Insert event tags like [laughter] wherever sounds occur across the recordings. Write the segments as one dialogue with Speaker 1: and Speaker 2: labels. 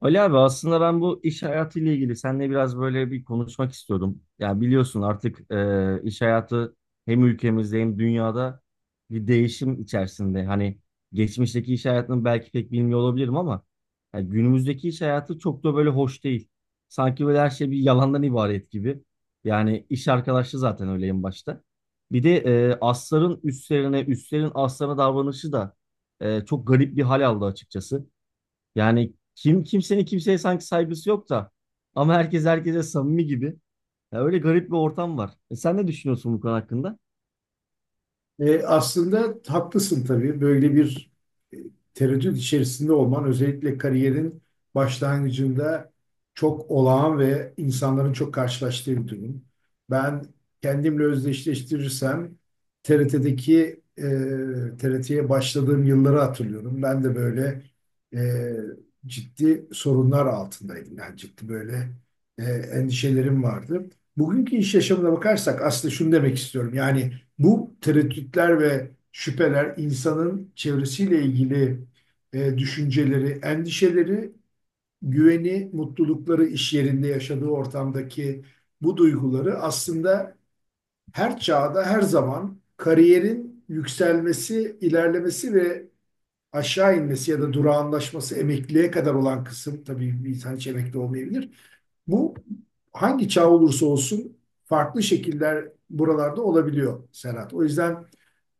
Speaker 1: Ali abi aslında ben bu iş hayatıyla ilgili seninle biraz böyle bir konuşmak istiyordum. Ya biliyorsun artık iş hayatı hem ülkemizde hem dünyada bir değişim içerisinde. Hani geçmişteki iş hayatını belki pek bilmiyor olabilirim ama ya günümüzdeki iş hayatı çok da böyle hoş değil. Sanki böyle her şey bir yalandan ibaret gibi. Yani iş arkadaşı zaten öyle en başta. Bir de asların üstlerine, üstlerin aslarına davranışı da çok garip bir hal aldı açıkçası. Yani kim kimsenin kimseye sanki saygısı yok da ama herkes herkese samimi gibi. Ya öyle garip bir ortam var. E sen ne düşünüyorsun bu konu hakkında?
Speaker 2: Aslında haklısın tabii. Böyle bir e, tereddüt içerisinde olman özellikle kariyerin başlangıcında çok olağan ve insanların çok karşılaştığı bir durum. Ben kendimle özdeşleştirirsem TRT'deki TRT'ye başladığım yılları hatırlıyorum. Ben de böyle e, ciddi sorunlar altındaydım. Yani ciddi böyle endişelerim vardı. Bugünkü iş yaşamına bakarsak aslında şunu demek istiyorum. Yani bu tereddütler ve şüpheler insanın çevresiyle ilgili düşünceleri, endişeleri, güveni, mutlulukları iş yerinde yaşadığı ortamdaki bu duyguları aslında her çağda, her zaman kariyerin yükselmesi, ilerlemesi ve aşağı inmesi ya da durağanlaşması emekliye kadar olan kısım, tabii bir insan hiç emekli olmayabilir. Bu hangi çağ olursa olsun farklı şekiller buralarda olabiliyor Serhat. O yüzden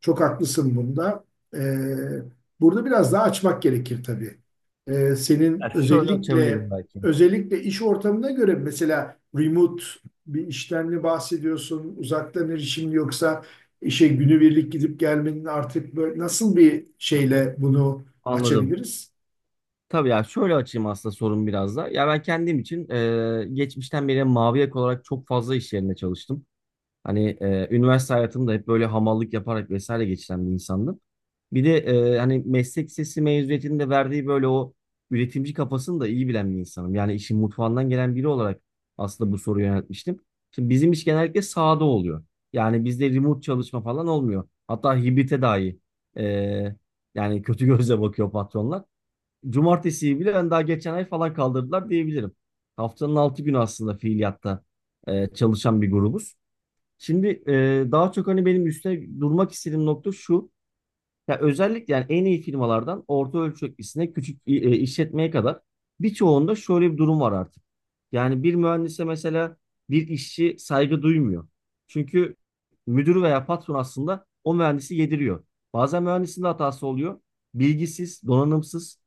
Speaker 2: çok haklısın bunda. Ee, Burada biraz daha açmak gerekir tabii.
Speaker 1: Ya
Speaker 2: Senin
Speaker 1: şöyle
Speaker 2: özellikle
Speaker 1: açabilirim belki.
Speaker 2: özellikle iş ortamına göre mesela remote bir işten mi bahsediyorsun? Uzaktan erişim mi yoksa işe günübirlik gidip gelmenin artık böyle nasıl bir şeyle bunu
Speaker 1: Anladım.
Speaker 2: açabiliriz?
Speaker 1: Tabii ya şöyle açayım aslında sorun biraz da. Ya ben kendim için geçmişten beri mavi yaka olarak çok fazla iş yerinde çalıştım. Hani üniversite hayatımda hep böyle hamallık yaparak vesaire geçiren bir insandım. Bir de hani meslek lisesi mezuniyetinde verdiği böyle o üretimci kafasını da iyi bilen bir insanım. Yani işin mutfağından gelen biri olarak aslında bu soruyu yöneltmiştim. Şimdi bizim iş genellikle sahada oluyor. Yani bizde remote çalışma falan olmuyor. Hatta hibrite dahi e, yani kötü [laughs] gözle bakıyor patronlar. Cumartesiyi bile ben daha geçen ay falan kaldırdılar diyebilirim. Haftanın altı günü aslında fiiliyatta çalışan bir grubuz. Şimdi daha çok hani benim üstte durmak istediğim nokta şu. Ya özellikle yani en iyi firmalardan orta ölçeklisine küçük işletmeye kadar birçoğunda şöyle bir durum var artık. Yani bir mühendise mesela bir işçi saygı duymuyor. Çünkü müdür veya patron aslında o mühendisi yediriyor. Bazen mühendisin de hatası oluyor. Bilgisiz, donanımsız,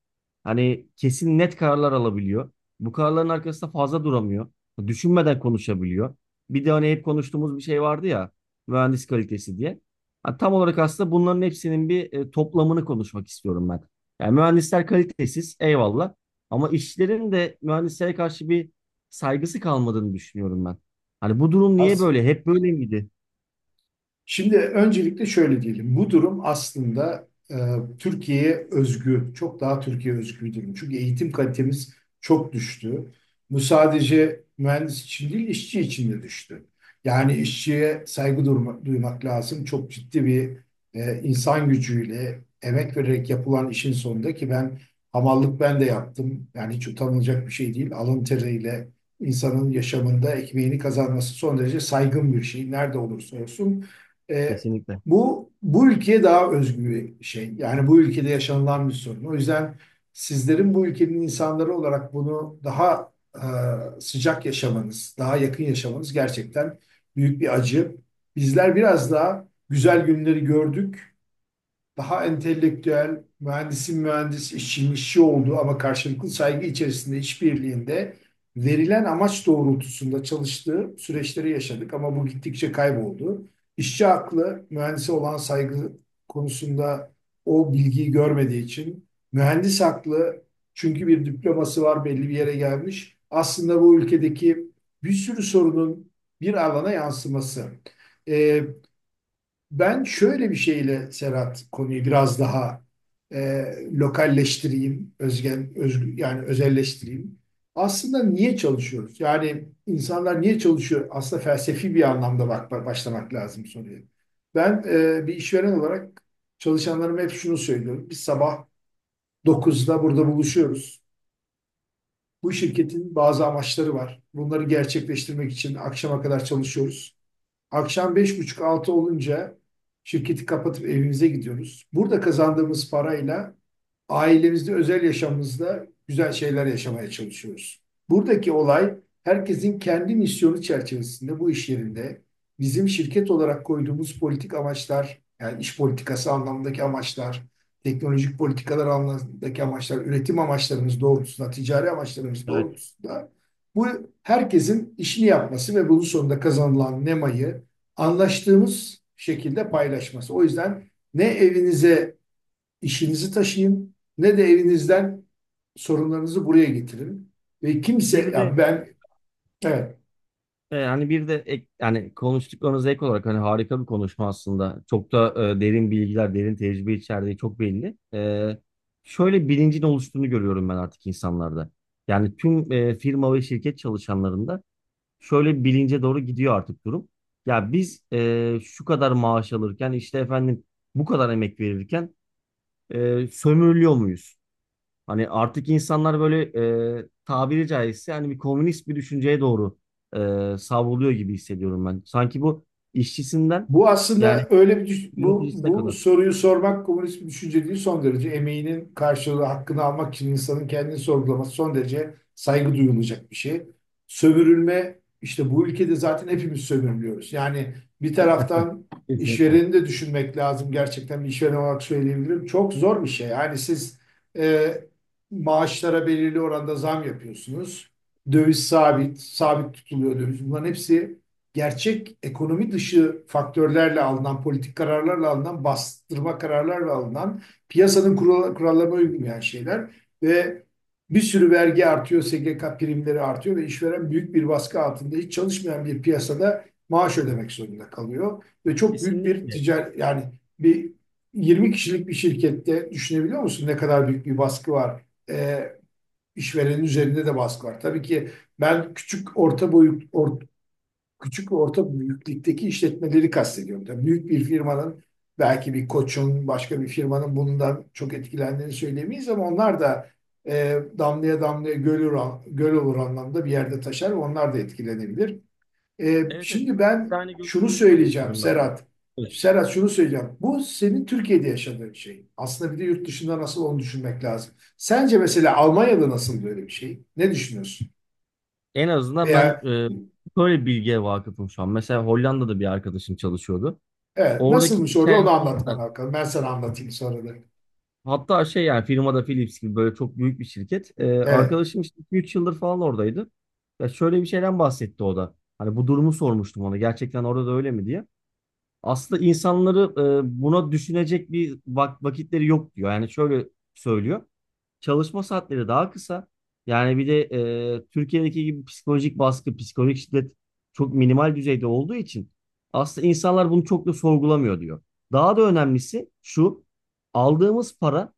Speaker 1: hani kesin net kararlar alabiliyor. Bu kararların arkasında fazla duramıyor. Düşünmeden konuşabiliyor. Bir de hani hep konuştuğumuz bir şey vardı ya, mühendis kalitesi diye. Ha, tam olarak aslında bunların hepsinin bir toplamını konuşmak istiyorum ben. Yani mühendisler kalitesiz, eyvallah. Ama işçilerin de mühendislere karşı bir saygısı kalmadığını düşünüyorum ben. Hani bu durum niye
Speaker 2: As-
Speaker 1: böyle? Hep böyle miydi?
Speaker 2: Şimdi öncelikle şöyle diyelim. Bu durum aslında Türkiye'ye özgü, çok daha Türkiye özgü bir durum. Çünkü eğitim kalitemiz çok düştü. Bu sadece mühendis için değil, işçi için de düştü. Yani işçiye saygı duymak lazım. Çok ciddi bir insan gücüyle, emek vererek yapılan işin sonunda ki ben hamallık ben de yaptım. Yani hiç utanılacak bir şey değil. Alın teriyle insanın yaşamında ekmeğini kazanması son derece saygın bir şey. Nerede olursa olsun. E,
Speaker 1: Kesinlikle.
Speaker 2: bu ülkeye daha özgü bir şey. Yani bu ülkede yaşanılan bir sorun. O yüzden sizlerin bu ülkenin insanları olarak bunu daha sıcak yaşamanız, daha yakın yaşamanız gerçekten büyük bir acı. Bizler biraz daha güzel günleri gördük, daha entelektüel, mühendisin mühendis, işçinin işçi olduğu ama karşılıklı saygı içerisinde işbirliğinde verilen amaç doğrultusunda çalıştığı süreçleri yaşadık ama bu gittikçe kayboldu. İşçi aklı mühendise olan saygı konusunda o bilgiyi görmediği için, mühendis aklı çünkü bir diploması var belli bir yere gelmiş. Aslında bu ülkedeki bir sürü sorunun bir alana yansıması. Ee, Ben şöyle bir şeyle Serhat konuyu biraz daha e, lokalleştireyim, özgen, özgü, yani özelleştireyim. Aslında niye çalışıyoruz? Yani insanlar niye çalışıyor? Aslında felsefi bir anlamda başlamak lazım soruya. Ben bir işveren olarak çalışanlarıma hep şunu söylüyorum. Biz sabah 9'da burada buluşuyoruz. Bu şirketin bazı amaçları var. Bunları gerçekleştirmek için akşama kadar çalışıyoruz. Akşam beş buçuk altı olunca şirketi kapatıp evimize gidiyoruz. Burada kazandığımız parayla ailemizde, özel yaşamımızda güzel şeyler yaşamaya çalışıyoruz. Buradaki olay, herkesin kendi misyonu çerçevesinde bu iş yerinde bizim şirket olarak koyduğumuz politik amaçlar, yani iş politikası anlamındaki amaçlar, teknolojik politikalar anlamındaki amaçlar, üretim amaçlarımız doğrultusunda, ticari amaçlarımız
Speaker 1: Evet.
Speaker 2: doğrultusunda bu herkesin işini yapması ve bunun sonunda kazanılan nemayı anlaştığımız şekilde paylaşması. O yüzden ne evinize işinizi taşıyın ne de evinizden sorunlarınızı buraya getirin. Ve kimse,
Speaker 1: Bir de
Speaker 2: ya ben, evet.
Speaker 1: e, hani bir de ek, yani konuştuklarınıza ek olarak hani harika bir konuşma aslında. Çok da derin bilgiler, derin tecrübe içerdiği çok belli. Şöyle bilincin oluştuğunu görüyorum ben artık insanlarda. Yani tüm firma ve şirket çalışanlarında şöyle bir bilince doğru gidiyor artık durum. Ya biz şu kadar maaş alırken işte efendim bu kadar emek verirken sömürülüyor muyuz? Hani artık insanlar böyle tabiri caizse hani bir komünist bir düşünceye doğru savruluyor gibi hissediyorum ben. Sanki bu işçisinden
Speaker 2: Bu
Speaker 1: yani
Speaker 2: aslında öyle bir düş- bu
Speaker 1: yöneticisine
Speaker 2: bu
Speaker 1: kadar.
Speaker 2: soruyu sormak komünist bir düşünce değil, son derece emeğinin karşılığı hakkını almak için insanın kendini sorgulaması son derece saygı duyulacak bir şey. Sömürülme işte bu ülkede zaten hepimiz sömürülüyoruz. Yani bir
Speaker 1: [laughs]
Speaker 2: taraftan
Speaker 1: Kesinlikle.
Speaker 2: işvereni de düşünmek lazım. Gerçekten bir işveren olarak söyleyebilirim. Çok zor bir şey. Yani siz e, maaşlara belirli oranda zam yapıyorsunuz. Döviz sabit, sabit tutuluyor döviz. Bunların hepsi gerçek ekonomi dışı faktörlerle alınan, politik kararlarla alınan, bastırma kararlarla alınan, piyasanın kurallarına uymayan şeyler ve bir sürü vergi artıyor, SGK primleri artıyor ve işveren büyük bir baskı altında hiç çalışmayan bir piyasada maaş ödemek zorunda kalıyor. Ve çok büyük bir
Speaker 1: Kesinlikle.
Speaker 2: ticari, yani bir 20 kişilik bir şirkette düşünebiliyor musun ne kadar büyük bir baskı var? Ee, işverenin üzerinde de baskı var. Tabii ki ben küçük ve orta büyüklükteki işletmeleri kastediyorum. Tabii büyük bir firmanın, belki bir Koç'un, başka bir firmanın bundan çok etkilendiğini söylemeyiz ama onlar da damlaya damlaya göl olur anlamda bir yerde taşar. Onlar da etkilenebilir.
Speaker 1: Evet, evet.
Speaker 2: Şimdi
Speaker 1: Biz de
Speaker 2: ben
Speaker 1: aynı
Speaker 2: şunu
Speaker 1: görüşleri
Speaker 2: söyleyeceğim
Speaker 1: paylaşıyorum ben
Speaker 2: Serhat.
Speaker 1: de.
Speaker 2: Serhat şunu söyleyeceğim. Bu senin Türkiye'de yaşadığın şey. Aslında bir de yurt dışında nasıl onu düşünmek lazım. Sence mesela Almanya'da nasıl böyle bir şey? Ne düşünüyorsun?
Speaker 1: En azından ben
Speaker 2: Veya,
Speaker 1: e, böyle bir bilgiye vakıfım şu an. Mesela Hollanda'da bir arkadaşım çalışıyordu.
Speaker 2: evet,
Speaker 1: Oradaki
Speaker 2: nasılmış
Speaker 1: iş
Speaker 2: orada onu
Speaker 1: hayatında
Speaker 2: anlatman
Speaker 1: da
Speaker 2: bakalım. Ben sana anlatayım sonra da.
Speaker 1: hatta şey yani firmada Philips gibi böyle çok büyük bir şirket. E,
Speaker 2: Evet,
Speaker 1: arkadaşım işte 3 yıldır falan oradaydı. Ya şöyle bir şeyden bahsetti o da. Hani bu durumu sormuştum ona. Gerçekten orada da öyle mi diye aslında insanları buna düşünecek vakitleri yok diyor. Yani şöyle söylüyor. Çalışma saatleri daha kısa. Yani bir de Türkiye'deki gibi psikolojik baskı, psikolojik şiddet çok minimal düzeyde olduğu için aslında insanlar bunu çok da sorgulamıyor diyor. Daha da önemlisi şu, aldığımız para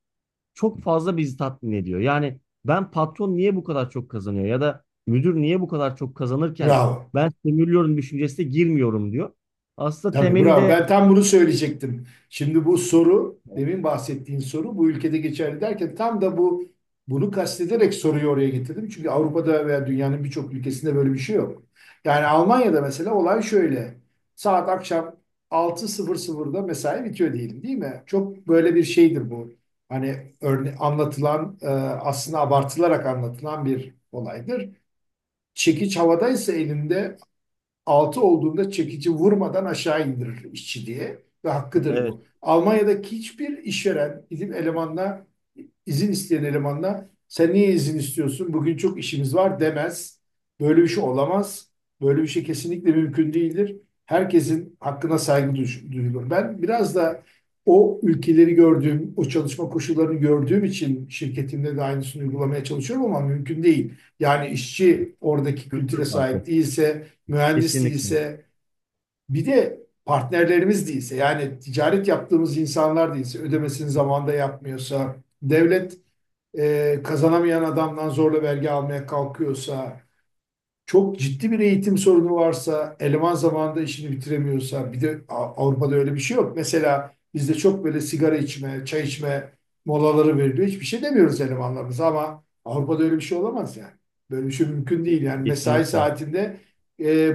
Speaker 1: çok fazla bizi tatmin ediyor. Yani ben patron niye bu kadar çok kazanıyor ya da müdür niye bu kadar çok kazanırken
Speaker 2: bravo.
Speaker 1: ben sömürüyorum düşüncesine girmiyorum diyor. Aslında
Speaker 2: Tabii bravo.
Speaker 1: temelinde
Speaker 2: Ben tam bunu söyleyecektim. Şimdi bu soru, demin bahsettiğin soru bu ülkede geçerli derken tam da bunu kastederek soruyu oraya getirdim. Çünkü Avrupa'da veya dünyanın birçok ülkesinde böyle bir şey yok. Yani Almanya'da mesela olay şöyle. Saat akşam altı sıfırda mesai bitiyor diyelim değil mi? Çok böyle bir şeydir bu. Hani anlatılan, aslında abartılarak anlatılan bir olaydır. Çekiç havadaysa elinde 6 olduğunda çekici vurmadan aşağı indirir işçi diye, ve hakkıdır
Speaker 1: evet,
Speaker 2: bu. Almanya'daki hiçbir işveren izin isteyen elemanla sen niye izin istiyorsun, bugün çok işimiz var demez. Böyle bir şey olamaz. Böyle bir şey kesinlikle mümkün değildir. Herkesin hakkına saygı duyulur. Ben biraz da o ülkeleri gördüğüm, o çalışma koşullarını gördüğüm için şirketimde de aynısını uygulamaya çalışıyorum ama mümkün değil. Yani işçi oradaki kültüre
Speaker 1: kültür
Speaker 2: sahip
Speaker 1: farkı.
Speaker 2: değilse, mühendis
Speaker 1: Kesinlikle.
Speaker 2: değilse, bir de partnerlerimiz değilse, yani ticaret yaptığımız insanlar değilse, ödemesini zamanında yapmıyorsa, devlet kazanamayan adamdan zorla vergi almaya kalkıyorsa, çok ciddi bir eğitim sorunu varsa, eleman zamanında işini bitiremiyorsa, bir de Avrupa'da öyle bir şey yok. Mesela bizde çok böyle sigara içme, çay içme molaları veriliyor. Hiçbir şey demiyoruz elemanlarımıza ama Avrupa'da öyle bir şey olamaz yani. Böyle bir şey mümkün değil. Yani mesai
Speaker 1: Kesinlikle.
Speaker 2: saatinde e,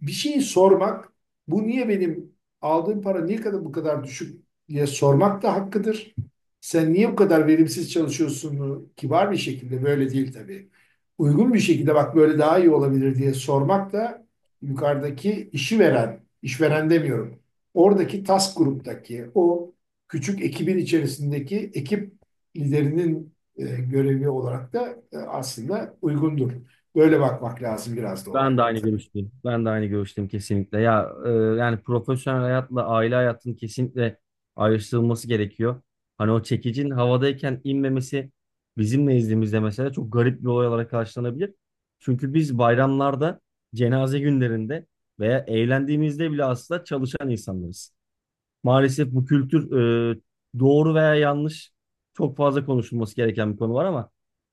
Speaker 2: bir şeyi sormak, bu niye benim aldığım para niye kadar bu kadar düşük diye sormak da hakkıdır. Sen niye bu kadar verimsiz çalışıyorsun? Kibar bir şekilde böyle değil tabii, uygun bir şekilde, bak böyle daha iyi olabilir diye sormak da yukarıdaki işi veren, işveren demiyorum, oradaki task gruptaki o küçük ekibin içerisindeki ekip liderinin görevi olarak da aslında uygundur. Böyle bakmak lazım biraz da
Speaker 1: Ben de
Speaker 2: olaylara
Speaker 1: aynı
Speaker 2: tabii.
Speaker 1: görüşteyim. Ben de aynı görüşteyim kesinlikle. Ya yani profesyonel hayatla aile hayatının kesinlikle ayrıştırılması gerekiyor. Hani o çekicin havadayken inmemesi bizim nezdimizde mesela çok garip bir olay olarak karşılanabilir. Çünkü biz bayramlarda, cenaze günlerinde veya eğlendiğimizde bile aslında çalışan insanlarız. Maalesef bu kültür e, doğru veya yanlış çok fazla konuşulması gereken bir konu var ama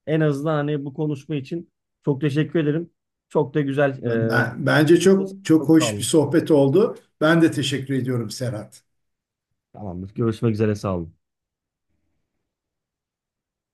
Speaker 1: en azından hani bu konuşma için çok teşekkür ederim. Çok da güzel.
Speaker 2: Bence çok çok
Speaker 1: Çok sağ
Speaker 2: hoş bir
Speaker 1: olun.
Speaker 2: sohbet oldu. Ben de teşekkür ediyorum Serhat.
Speaker 1: Tamamdır. Görüşmek üzere. Sağ olun.